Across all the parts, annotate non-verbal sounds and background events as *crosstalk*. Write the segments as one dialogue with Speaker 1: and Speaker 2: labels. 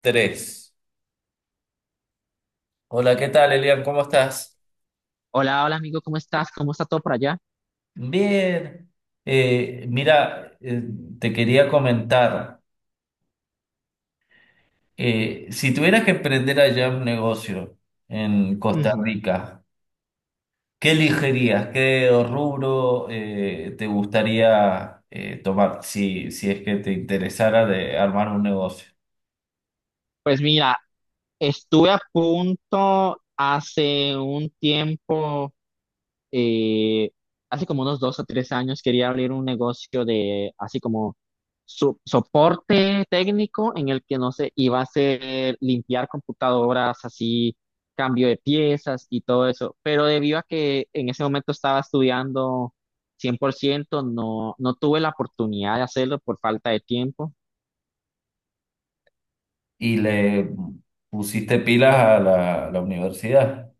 Speaker 1: Tres. Hola, ¿qué tal, Elian? ¿Cómo estás?
Speaker 2: Hola, hola amigo, ¿cómo estás? ¿Cómo está todo por allá?
Speaker 1: Bien. Mira, te quería comentar, si tuvieras que emprender allá un negocio en Costa
Speaker 2: Ujú.
Speaker 1: Rica, ¿qué elegirías? ¿Qué rubro te gustaría tomar si es que te interesara de armar un negocio?
Speaker 2: Pues mira, estuve a punto hace un tiempo, eh, hace como unos 2 o 3 años, quería abrir un negocio de así como soporte técnico en el que no sé, iba a hacer limpiar computadoras, así cambio de piezas y todo eso, pero debido a que en ese momento estaba estudiando 100%, no tuve la oportunidad de hacerlo por falta de tiempo.
Speaker 1: Y le pusiste pilas a la universidad.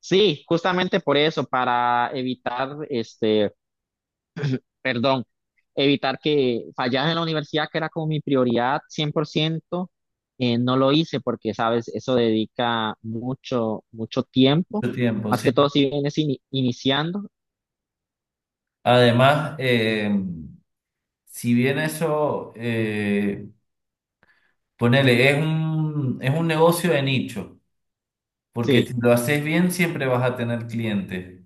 Speaker 2: Sí, justamente por eso, para evitar, perdón, evitar que fallas en la universidad, que era como mi prioridad 100%, no lo hice porque, sabes, eso dedica mucho, mucho tiempo,
Speaker 1: Mucho tiempo,
Speaker 2: más
Speaker 1: sí.
Speaker 2: que todo si vienes iniciando.
Speaker 1: Además, si bien eso, ponele, es es un negocio de nicho, porque si
Speaker 2: Sí,
Speaker 1: lo haces bien siempre vas a tener clientes,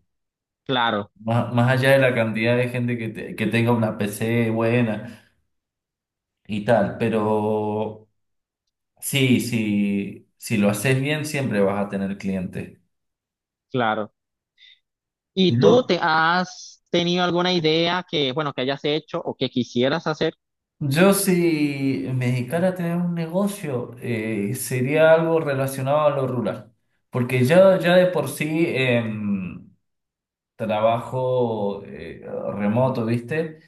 Speaker 2: claro,
Speaker 1: más allá de la cantidad de gente que que tenga una PC buena y tal, pero sí, sí, si lo haces bien siempre vas a tener clientes.
Speaker 2: claro. ¿Y tú
Speaker 1: Yo,
Speaker 2: te has tenido alguna idea que, bueno, que hayas hecho o que quisieras hacer?
Speaker 1: yo si me dedicara a tener un negocio, sería algo relacionado a lo rural, porque ya de por sí, trabajo remoto, ¿viste?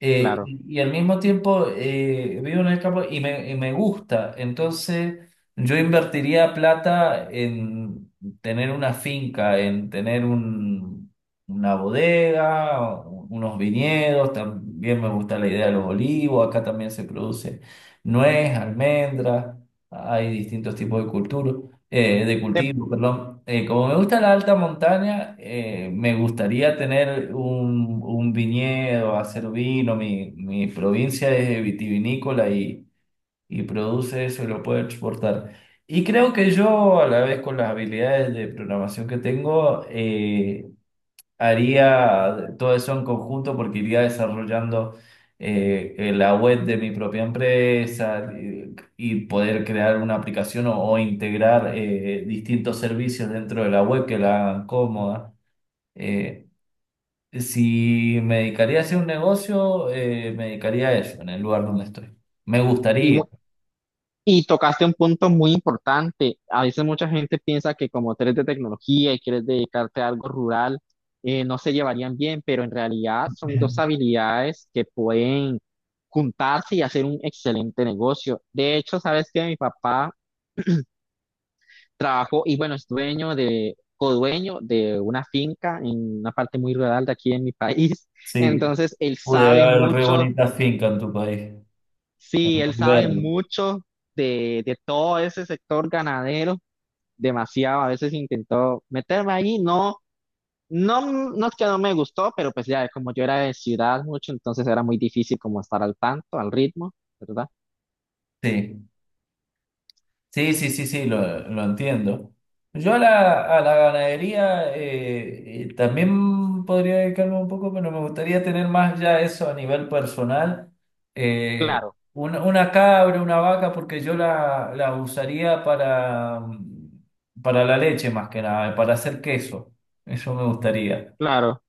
Speaker 2: Claro.
Speaker 1: Y al mismo tiempo vivo en el campo y me gusta. Entonces yo invertiría plata en tener una finca, en tener una bodega, unos viñedos. También me gusta la idea de los olivos. Acá también se produce nuez, almendra. Hay distintos tipos de cultura de
Speaker 2: Te-
Speaker 1: cultivo, perdón. Como me gusta la alta montaña, me gustaría tener un viñedo, hacer vino. Mi provincia es vitivinícola y produce eso y lo puede exportar. Y creo que yo, a la vez con las habilidades de programación que tengo, haría todo eso en conjunto porque iría desarrollando la web de mi propia empresa y poder crear una aplicación o integrar distintos servicios dentro de la web que la hagan cómoda. Eh, si me dedicaría a hacer un negocio, me dedicaría a eso, en el lugar donde estoy. Me
Speaker 2: y,
Speaker 1: gustaría.
Speaker 2: Y tocaste un punto muy importante. A veces mucha gente piensa que como tú eres de tecnología y quieres dedicarte a algo rural, no se llevarían bien, pero en realidad son
Speaker 1: *laughs*
Speaker 2: dos habilidades que pueden juntarse y hacer un excelente negocio. De hecho, sabes que mi papá trabajó y bueno, es dueño de, codueño de una finca en una parte muy rural de aquí en mi país. *laughs*
Speaker 1: Sí.
Speaker 2: Entonces, él
Speaker 1: Pude
Speaker 2: sabe
Speaker 1: ver re
Speaker 2: mucho.
Speaker 1: bonita finca en tu país. Es
Speaker 2: Sí, él
Speaker 1: muy
Speaker 2: sabe
Speaker 1: verde.
Speaker 2: mucho de todo ese sector ganadero, demasiado. A veces intentó meterme ahí, no, no, no es que no me gustó, pero pues ya, como yo era de ciudad mucho, entonces era muy difícil como estar al tanto, al ritmo, ¿verdad?
Speaker 1: Sí. Sí, sí, sí, sí, lo entiendo. Yo a a la ganadería también podría dedicarme un poco, pero me gustaría tener más ya eso a nivel personal. Eh,
Speaker 2: Claro,
Speaker 1: una cabra, una vaca, porque yo la usaría para para la leche más que nada, para hacer queso. Eso me gustaría.
Speaker 2: claro.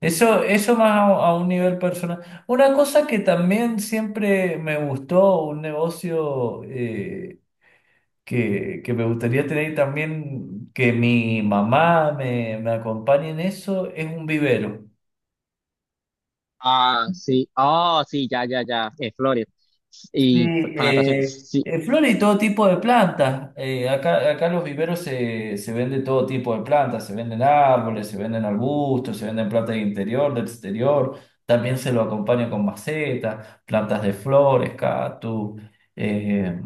Speaker 1: Eso más a un nivel personal. Una cosa que también siempre me gustó, un negocio, que me gustaría tener también, que mi mamá me acompañe en eso, es un vivero.
Speaker 2: Ah, sí, oh, sí, ya, ya, ya, Flores.
Speaker 1: Sí,
Speaker 2: Y con natación, sí,
Speaker 1: flores y todo tipo de plantas. Acá en los viveros se vende todo tipo de plantas, se venden árboles, se venden arbustos, se venden plantas de interior, de exterior. También se lo acompaña con macetas, plantas de flores, cactus, eh,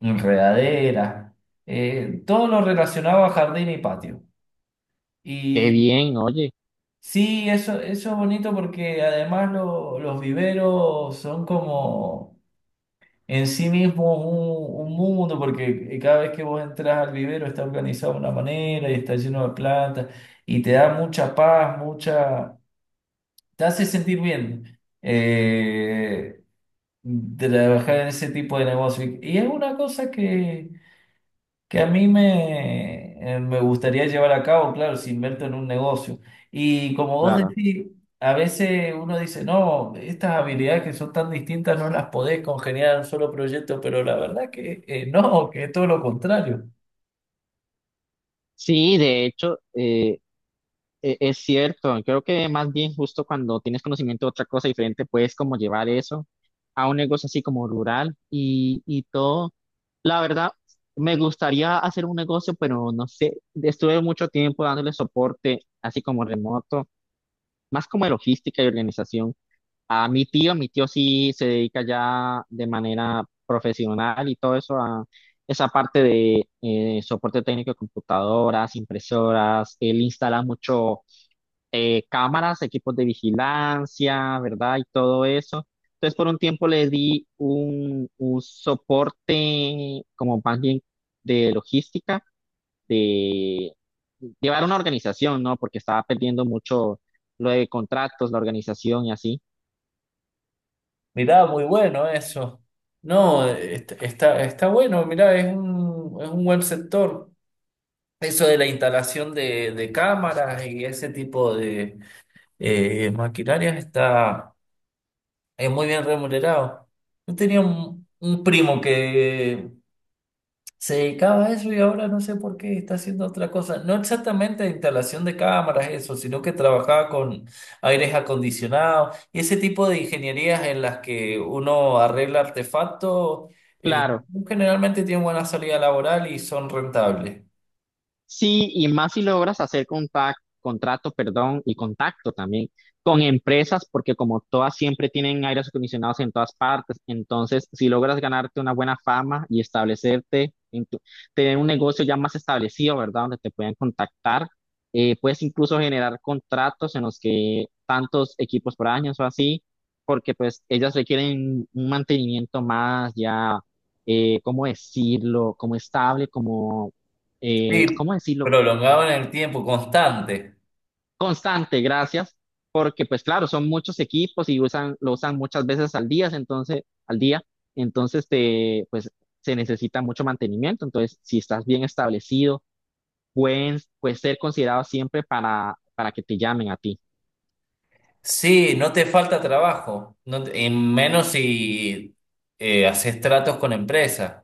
Speaker 1: enredaderas, todo lo relacionado a jardín y patio.
Speaker 2: qué bien, oye,
Speaker 1: Sí, eso es bonito porque además los viveros son como en sí mismos un mundo, porque cada vez que vos entras al vivero está organizado de una manera y está lleno de plantas y te da mucha paz, mucha... te hace sentir bien trabajar en ese tipo de negocio. Y es una cosa que a mí me gustaría llevar a cabo, claro, si invierto en un negocio. Y como vos
Speaker 2: claro.
Speaker 1: decís, a veces uno dice, no, estas habilidades que son tan distintas no las podés congeniar en un solo proyecto, pero la verdad que no, que es todo lo contrario.
Speaker 2: Sí, de hecho, Es cierto, creo que más bien justo cuando tienes conocimiento de otra cosa diferente, puedes como llevar eso a un negocio así como rural y todo. La verdad, me gustaría hacer un negocio, pero no sé, estuve mucho tiempo dándole soporte así como remoto, más como de logística y organización. Mi tío sí se dedica ya de manera profesional y todo eso a esa parte de soporte técnico de computadoras, impresoras, él instala mucho cámaras, equipos de vigilancia, ¿verdad? Y todo eso. Entonces, por un tiempo le di un soporte como más bien de logística, de llevar una organización, ¿no? Porque estaba perdiendo mucho lo de contratos, la organización y así.
Speaker 1: Mirá, muy bueno eso. No, está, está bueno, mirá, es es un buen sector. Eso de la instalación de cámaras y ese tipo de maquinarias está... es muy bien remunerado. Yo tenía un primo que se dedicaba a eso y ahora no sé por qué está haciendo otra cosa. No exactamente instalación de cámaras, eso, sino que trabajaba con aires acondicionados y ese tipo de ingenierías en las que uno arregla artefactos. Eh,
Speaker 2: Claro.
Speaker 1: generalmente tienen buena salida laboral y son rentables.
Speaker 2: Sí, y más si logras hacer contrato, perdón, y contacto también con empresas, porque como todas siempre tienen aires acondicionados en todas partes, entonces si logras ganarte una buena fama y establecerte, tener un negocio ya más establecido, ¿verdad? Donde te puedan contactar, puedes incluso generar contratos en los que tantos equipos por año o así, porque pues ellas requieren un mantenimiento más ya, ¿cómo decirlo? Como estable, como
Speaker 1: Sí,
Speaker 2: ¿cómo decirlo?
Speaker 1: prolongado en el tiempo, constante.
Speaker 2: Constante, gracias, porque pues claro, son muchos equipos y usan, lo usan muchas veces al día, entonces te, pues se necesita mucho mantenimiento, entonces si estás bien establecido, pueden, puedes ser considerado siempre para que te llamen a ti.
Speaker 1: Sí, no te falta trabajo, y menos si haces tratos con empresas.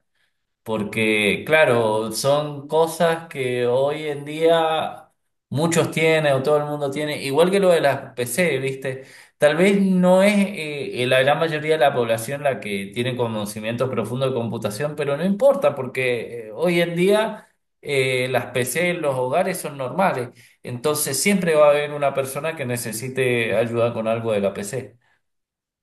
Speaker 1: Porque, claro, son cosas que hoy en día muchos tienen o todo el mundo tiene, igual que lo de las PC, ¿viste? Tal vez no es la gran mayoría de la población la que tiene conocimiento profundo de computación, pero no importa, porque hoy en día las PC en los hogares son normales, entonces siempre va a haber una persona que necesite ayuda con algo de la PC.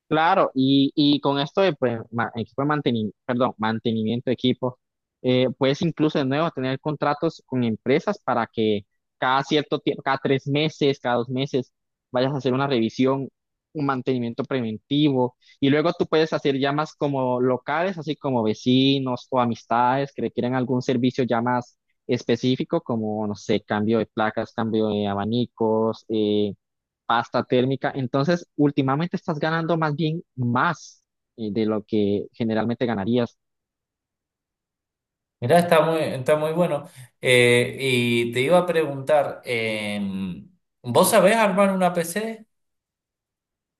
Speaker 2: Claro, y con esto de pues, equipo de mantenimiento, perdón, mantenimiento de equipos, puedes incluso de nuevo tener contratos con empresas para que cada cierto tiempo, cada 3 meses, cada 2 meses, vayas a hacer una revisión, un mantenimiento preventivo, y luego tú puedes hacer llamas como locales, así como vecinos o amistades que requieren algún servicio ya más específico, como, no sé, cambio de placas, cambio de abanicos, pasta térmica. Entonces, últimamente estás ganando más bien más de lo que generalmente ganarías.
Speaker 1: Mirá, está muy bueno. Y te iba a preguntar, ¿vos sabés armar una PC?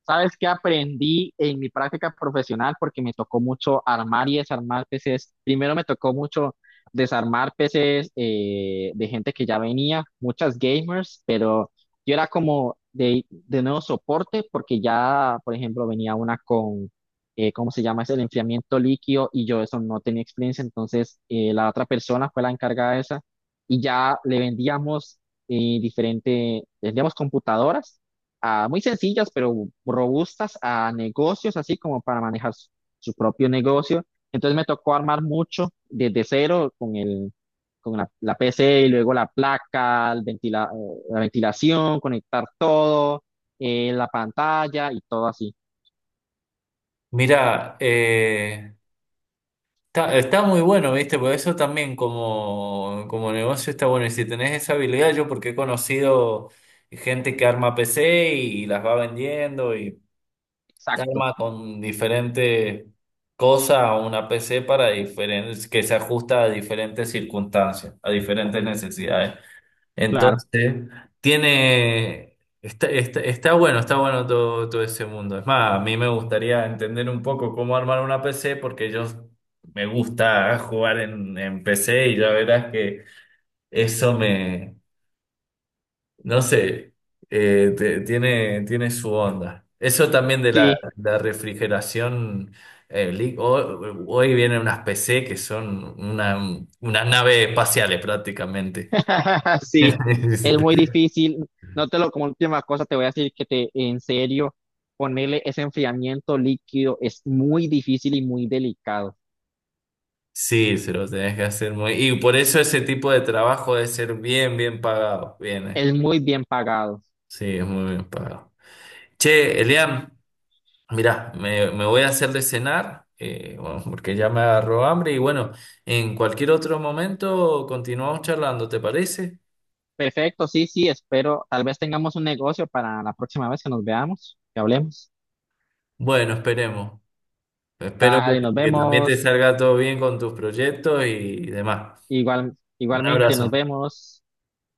Speaker 2: ¿Sabes qué aprendí en mi práctica profesional? Porque me tocó mucho armar y desarmar PCs. Primero me tocó mucho desarmar PCs de gente que ya venía, muchas gamers. Yo era como de nuevo soporte porque ya, por ejemplo, venía una con, ¿cómo se llama? Es el enfriamiento líquido y yo eso no tenía experiencia, entonces la otra persona fue la encargada de esa y ya le vendíamos vendíamos computadoras ah, muy sencillas pero robustas a negocios, así como para manejar su su propio negocio. Entonces me tocó armar mucho desde cero con el con la, la PC y luego la placa, la ventilación, conectar todo, la pantalla y todo así.
Speaker 1: Mira está, está muy bueno, ¿viste? Por eso también como, como negocio está bueno. Y si tenés esa habilidad, yo porque he conocido gente que arma PC y las va vendiendo y te
Speaker 2: Exacto,
Speaker 1: arma con diferentes cosas una PC para diferentes, que se ajusta a diferentes circunstancias, a diferentes necesidades.
Speaker 2: claro.
Speaker 1: Entonces, tiene, está, está, está bueno todo, todo ese mundo. Es más, a mí me gustaría entender un poco cómo armar una PC porque yo me gusta jugar en PC y ya verás que eso me, no sé, tiene, tiene su onda. Eso también de
Speaker 2: Sí,
Speaker 1: la refrigeración. eh, li- ho- hoy vienen unas PC que son una, unas naves espaciales prácticamente.
Speaker 2: *laughs* sí,
Speaker 1: *laughs*
Speaker 2: es muy difícil. No te lo, como última cosa, te voy a decir que te, en serio, ponerle ese enfriamiento líquido es muy difícil y muy delicado.
Speaker 1: Sí, se lo tenés que hacer muy... Y por eso ese tipo de trabajo debe ser bien, bien pagado. Bien, eh.
Speaker 2: Es muy bien pagado.
Speaker 1: Sí, es muy bien pagado. Che, Elian, mirá, me voy a hacer de cenar, bueno, porque ya me agarró hambre y bueno, en cualquier otro momento continuamos charlando, ¿te parece?
Speaker 2: Perfecto, sí, sí, espero. Tal vez tengamos un negocio para la próxima vez que nos veamos, que hablemos.
Speaker 1: Bueno, esperemos. Espero que
Speaker 2: Dale, nos
Speaker 1: que también te
Speaker 2: vemos.
Speaker 1: salga todo bien con tus proyectos y demás.
Speaker 2: Igual,
Speaker 1: Un
Speaker 2: igualmente, nos
Speaker 1: abrazo.
Speaker 2: vemos.